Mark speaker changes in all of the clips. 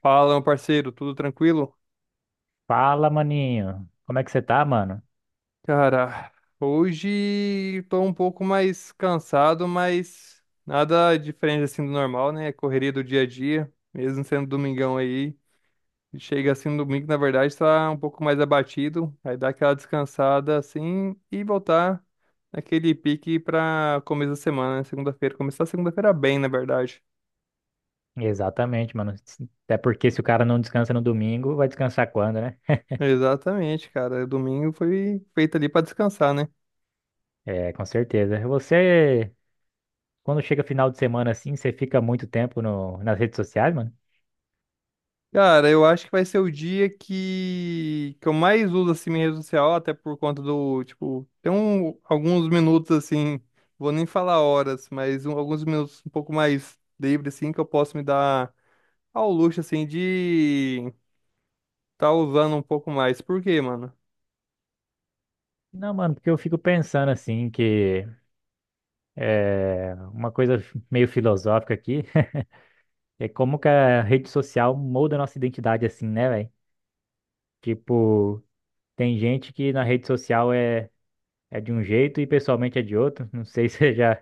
Speaker 1: Fala, meu parceiro, tudo tranquilo?
Speaker 2: Fala, maninho. Como é que você tá, mano?
Speaker 1: Cara, hoje tô um pouco mais cansado, mas nada diferente assim do normal, né? Correria do dia a dia, mesmo sendo domingão aí. Chega assim no domingo, na verdade, tá um pouco mais abatido. Aí dá aquela descansada assim e voltar naquele pique pra começo da semana, né? Segunda-feira. Começar a segunda-feira bem, na verdade.
Speaker 2: Exatamente, mano. Até porque se o cara não descansa no domingo, vai descansar quando, né?
Speaker 1: Exatamente, cara. Domingo foi feito ali pra descansar, né?
Speaker 2: É, com certeza. Você, quando chega final de semana assim, você fica muito tempo no, nas redes sociais, mano?
Speaker 1: Cara, eu acho que vai ser o dia que eu mais uso assim minha rede social, até por conta do, tipo, tem alguns minutos assim, vou nem falar horas, mas alguns minutos um pouco mais livre assim que eu posso me dar ao luxo assim de tá usando um pouco mais. Por quê, mano?
Speaker 2: Não, mano, porque eu fico pensando assim que é uma coisa meio filosófica aqui. É como que a rede social molda a nossa identidade assim, né, velho? Tipo, tem gente que na rede social é de um jeito e pessoalmente é de outro. Não sei se você já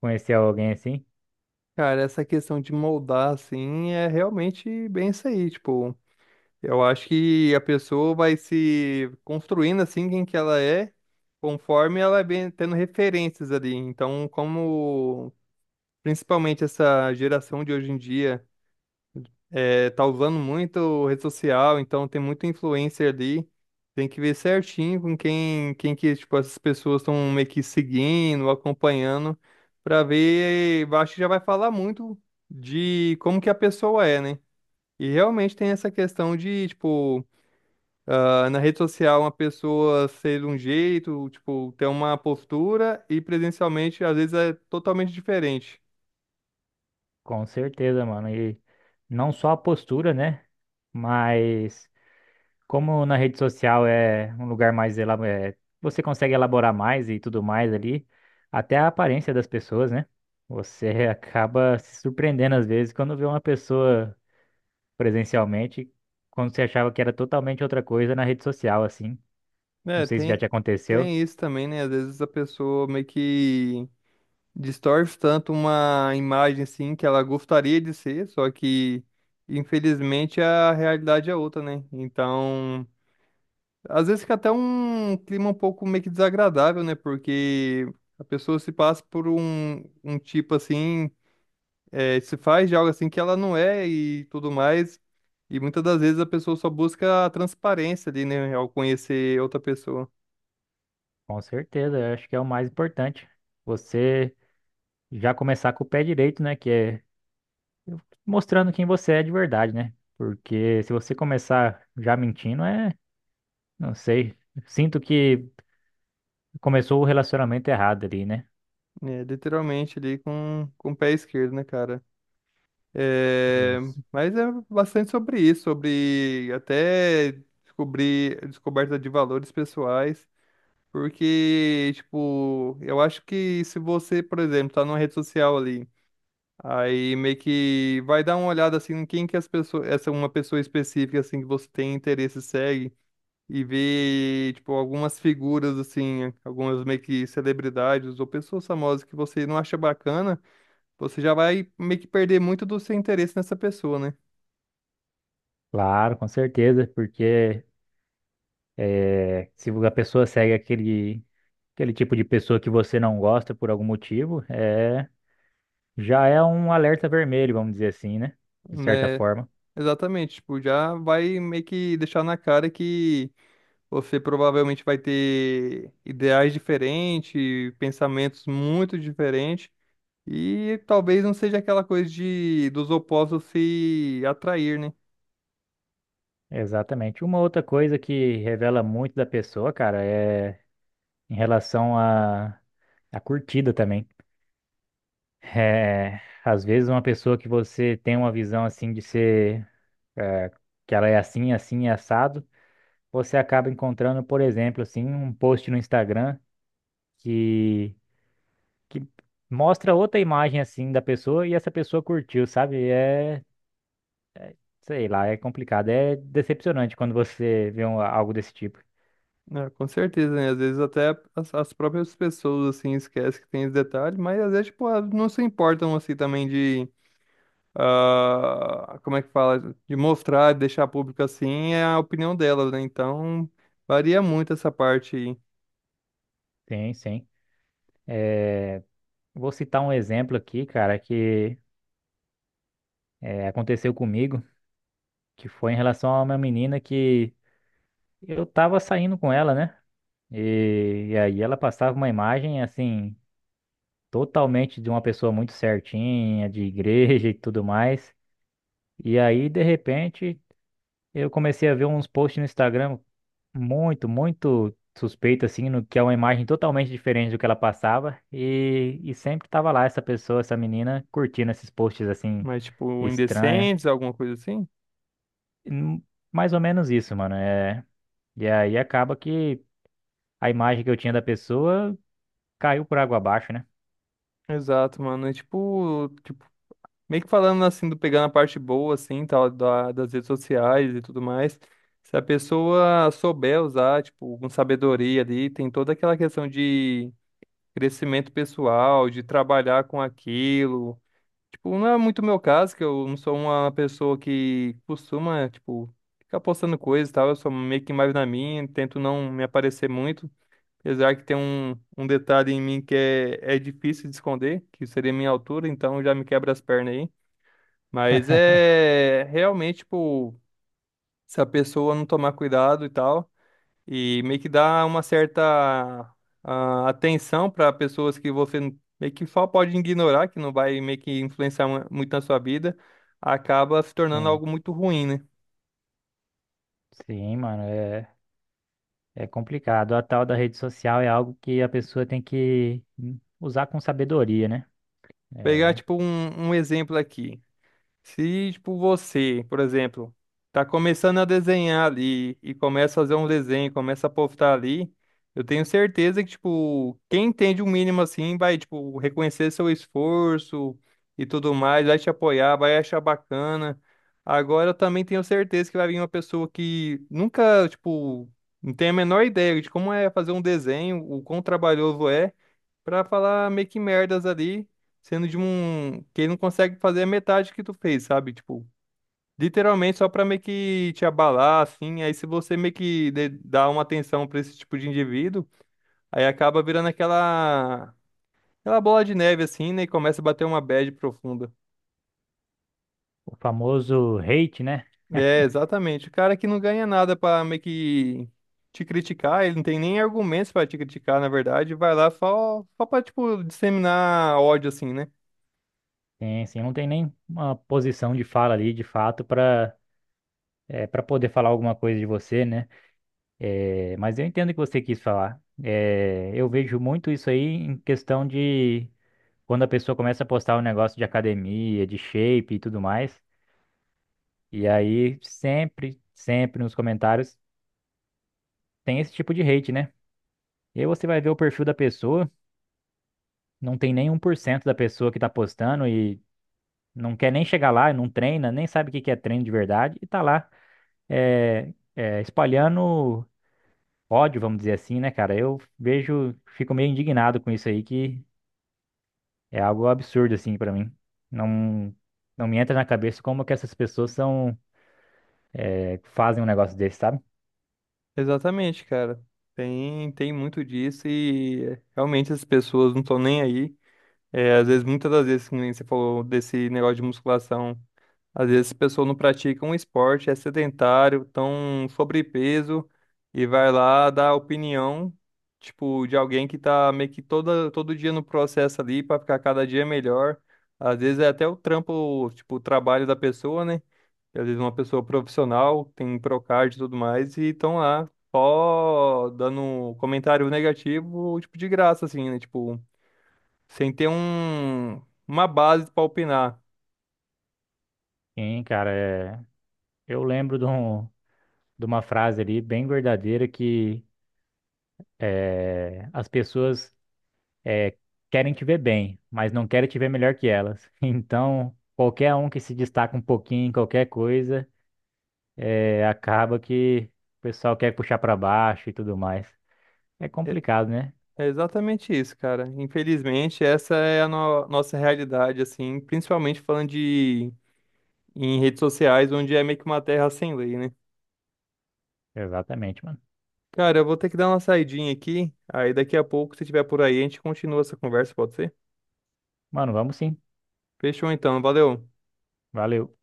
Speaker 2: conheceu alguém assim.
Speaker 1: Cara, essa questão de moldar assim é realmente bem isso aí, tipo, eu acho que a pessoa vai se construindo assim quem que ela é, conforme ela vem tendo referências ali. Então, como principalmente essa geração de hoje em dia tá usando muito rede social, então tem muito influencer ali, tem que ver certinho com quem que tipo, essas pessoas estão meio que seguindo, acompanhando, para ver, eu acho que já vai falar muito de como que a pessoa é, né? E realmente tem essa questão de, tipo, ah, na rede social, uma pessoa ser de um jeito, tipo, ter uma postura e presencialmente, às vezes, é totalmente diferente.
Speaker 2: Com certeza, mano. E não só a postura, né? Mas como na rede social é um lugar mais você consegue elaborar mais e tudo mais ali, até a aparência das pessoas, né? Você acaba se surpreendendo às vezes quando vê uma pessoa presencialmente, quando você achava que era totalmente outra coisa na rede social, assim. Não
Speaker 1: Né,
Speaker 2: sei se já te aconteceu.
Speaker 1: tem isso também, né? Às vezes a pessoa meio que distorce tanto uma imagem, assim, que ela gostaria de ser, só que, infelizmente, a realidade é outra, né? Então, às vezes fica até um clima um pouco meio que desagradável, né? Porque a pessoa se passa por um tipo, assim, é, se faz de algo assim que ela não é e tudo mais. E muitas das vezes a pessoa só busca a transparência ali, né, ao conhecer outra pessoa.
Speaker 2: Com certeza, eu acho que é o mais importante. Você já começar com o pé direito, né? Que é mostrando quem você é de verdade, né? Porque se você começar já mentindo, não sei. Sinto que começou o relacionamento errado ali, né?
Speaker 1: É, literalmente ali com o pé esquerdo, né, cara? É,
Speaker 2: Isso.
Speaker 1: mas é bastante sobre isso, sobre até descobrir descoberta de valores pessoais. Porque, tipo, eu acho que se você, por exemplo, tá numa rede social ali. Aí meio que vai dar uma olhada assim em quem que as pessoas, essa uma pessoa específica assim que você tem interesse segue e ver tipo algumas figuras assim, algumas meio que celebridades ou pessoas famosas que você não acha bacana, você já vai meio que perder muito do seu interesse nessa pessoa, né?
Speaker 2: Claro, com certeza, porque se a pessoa segue aquele tipo de pessoa que você não gosta por algum motivo, já é um alerta vermelho, vamos dizer assim, né? De certa
Speaker 1: Né?
Speaker 2: forma.
Speaker 1: Exatamente, tipo, já vai meio que deixar na cara que você provavelmente vai ter ideais diferentes, pensamentos muito diferentes. E talvez não seja aquela coisa de dos opostos se atrair, né?
Speaker 2: Exatamente. Uma outra coisa que revela muito da pessoa, cara, é em relação à curtida também. É, às vezes uma pessoa que você tem uma visão assim de ser é, que ela é assim, assim, é assado, você acaba encontrando, por exemplo, assim, um post no Instagram que, que mostra outra imagem assim da pessoa e essa pessoa curtiu, sabe? É, sei lá, é complicado, é decepcionante quando você vê algo desse tipo.
Speaker 1: É, com certeza, né? Às vezes até as próprias pessoas, assim, esquecem que tem esse detalhe, mas às vezes, tipo, elas não se importam, assim, também de... Ah, como é que fala? De mostrar, de deixar público, assim, é a opinião delas, né? Então, varia muito essa parte aí.
Speaker 2: Sim, sim. Vou citar um exemplo aqui, cara, que aconteceu comigo, que foi em relação a uma menina que eu tava saindo com ela, né? E aí ela passava uma imagem, assim, totalmente de uma pessoa muito certinha, de igreja e tudo mais. E aí, de repente, eu comecei a ver uns posts no Instagram muito, muito suspeito, assim, no que é uma imagem totalmente diferente do que ela passava. E sempre tava lá essa pessoa, essa menina, curtindo esses posts, assim,
Speaker 1: Mas, tipo,
Speaker 2: estranhos.
Speaker 1: indecentes, alguma coisa assim?
Speaker 2: Hum. Mais ou menos isso, mano. E aí acaba que a imagem que eu tinha da pessoa caiu por água abaixo, né?
Speaker 1: Exato, mano. É tipo, meio que falando assim, do pegando a parte boa, assim, tal, das redes sociais e tudo mais. Se a pessoa souber usar, tipo, com sabedoria ali, tem toda aquela questão de crescimento pessoal, de trabalhar com aquilo. Tipo, não é muito meu caso, que eu não sou uma pessoa que costuma, tipo, ficar postando coisas e tal. Eu sou meio que mais na minha, tento não me aparecer muito. Apesar que tem um detalhe em mim que é difícil de esconder, que seria a minha altura, então já me quebra as pernas aí. Mas é realmente, tipo, se a pessoa não tomar cuidado e tal, e meio que dá uma certa ah, atenção para pessoas que meio que só pode ignorar, que não vai meio que influenciar muito na sua vida, acaba se tornando
Speaker 2: Tem
Speaker 1: algo muito ruim, né?
Speaker 2: sim, mano, é, complicado. A tal da rede social é algo que a pessoa tem que usar com sabedoria, né?
Speaker 1: Pegar,
Speaker 2: É,
Speaker 1: tipo, um exemplo aqui. Se, tipo, você, por exemplo, tá começando a desenhar ali e começa a fazer um desenho, começa a postar ali, eu tenho certeza que, tipo, quem entende o mínimo assim vai, tipo, reconhecer seu esforço e tudo mais, vai te apoiar, vai achar bacana. Agora eu também tenho certeza que vai vir uma pessoa que nunca, tipo, não tem a menor ideia de como é fazer um desenho, o quão trabalhoso é pra falar meio que merdas ali, sendo de um que ele não consegue fazer a metade que tu fez, sabe? Tipo, literalmente só pra meio que te abalar, assim. Aí se você meio que dá uma atenção pra esse tipo de indivíduo, aí acaba virando aquela bola de neve assim, né? E começa a bater uma bad profunda.
Speaker 2: o famoso hate, né?
Speaker 1: É, exatamente. O cara que não ganha nada pra meio que te criticar, ele não tem nem argumentos pra te criticar, na verdade, vai lá só pra, tipo, disseminar ódio, assim, né?
Speaker 2: Sim, sim, não tem nem uma posição de fala ali, de fato, para poder falar alguma coisa de você, né? É, mas eu entendo o que você quis falar. É, eu vejo muito isso aí em questão de quando a pessoa começa a postar um negócio de academia, de shape e tudo mais, e aí sempre, sempre nos comentários tem esse tipo de hate, né? E aí você vai ver o perfil da pessoa, não tem nem 1% da pessoa que tá postando e não quer nem chegar lá, não treina, nem sabe o que que é treino de verdade e tá lá espalhando ódio, vamos dizer assim, né, cara? Eu vejo, fico meio indignado com isso aí, que é algo absurdo, assim, pra mim. Não, não me entra na cabeça como que essas pessoas são fazem um negócio desse, sabe?
Speaker 1: Exatamente, cara. Tem muito disso e realmente as pessoas não estão nem aí. É, às vezes, muitas das vezes, que nem você falou desse negócio de musculação, às vezes as pessoas não praticam um esporte, é sedentário, estão sobrepeso e vai lá dar opinião, tipo, de alguém que tá meio que todo dia no processo ali para ficar cada dia melhor. Às vezes é até o trampo, tipo, o trabalho da pessoa, né? E às vezes uma pessoa profissional, tem um Procard e tudo mais, e estão lá só dando um comentário negativo, tipo, de graça, assim, né? Tipo, sem ter uma base para opinar.
Speaker 2: Sim, cara, eu lembro de uma frase ali bem verdadeira que as pessoas é, querem te ver bem, mas não querem te ver melhor que elas. Então, qualquer um que se destaca um pouquinho em qualquer coisa, acaba que o pessoal quer puxar pra baixo e tudo mais. É
Speaker 1: É,
Speaker 2: complicado, né?
Speaker 1: é exatamente isso, cara. Infelizmente, essa é a nossa realidade, assim, principalmente falando de em redes sociais, onde é meio que uma terra sem lei, né?
Speaker 2: Exatamente, mano.
Speaker 1: Cara, eu vou ter que dar uma saidinha aqui, aí daqui a pouco, se tiver por aí, a gente continua essa conversa, pode ser?
Speaker 2: Mano, vamos sim.
Speaker 1: Fechou então, valeu.
Speaker 2: Valeu.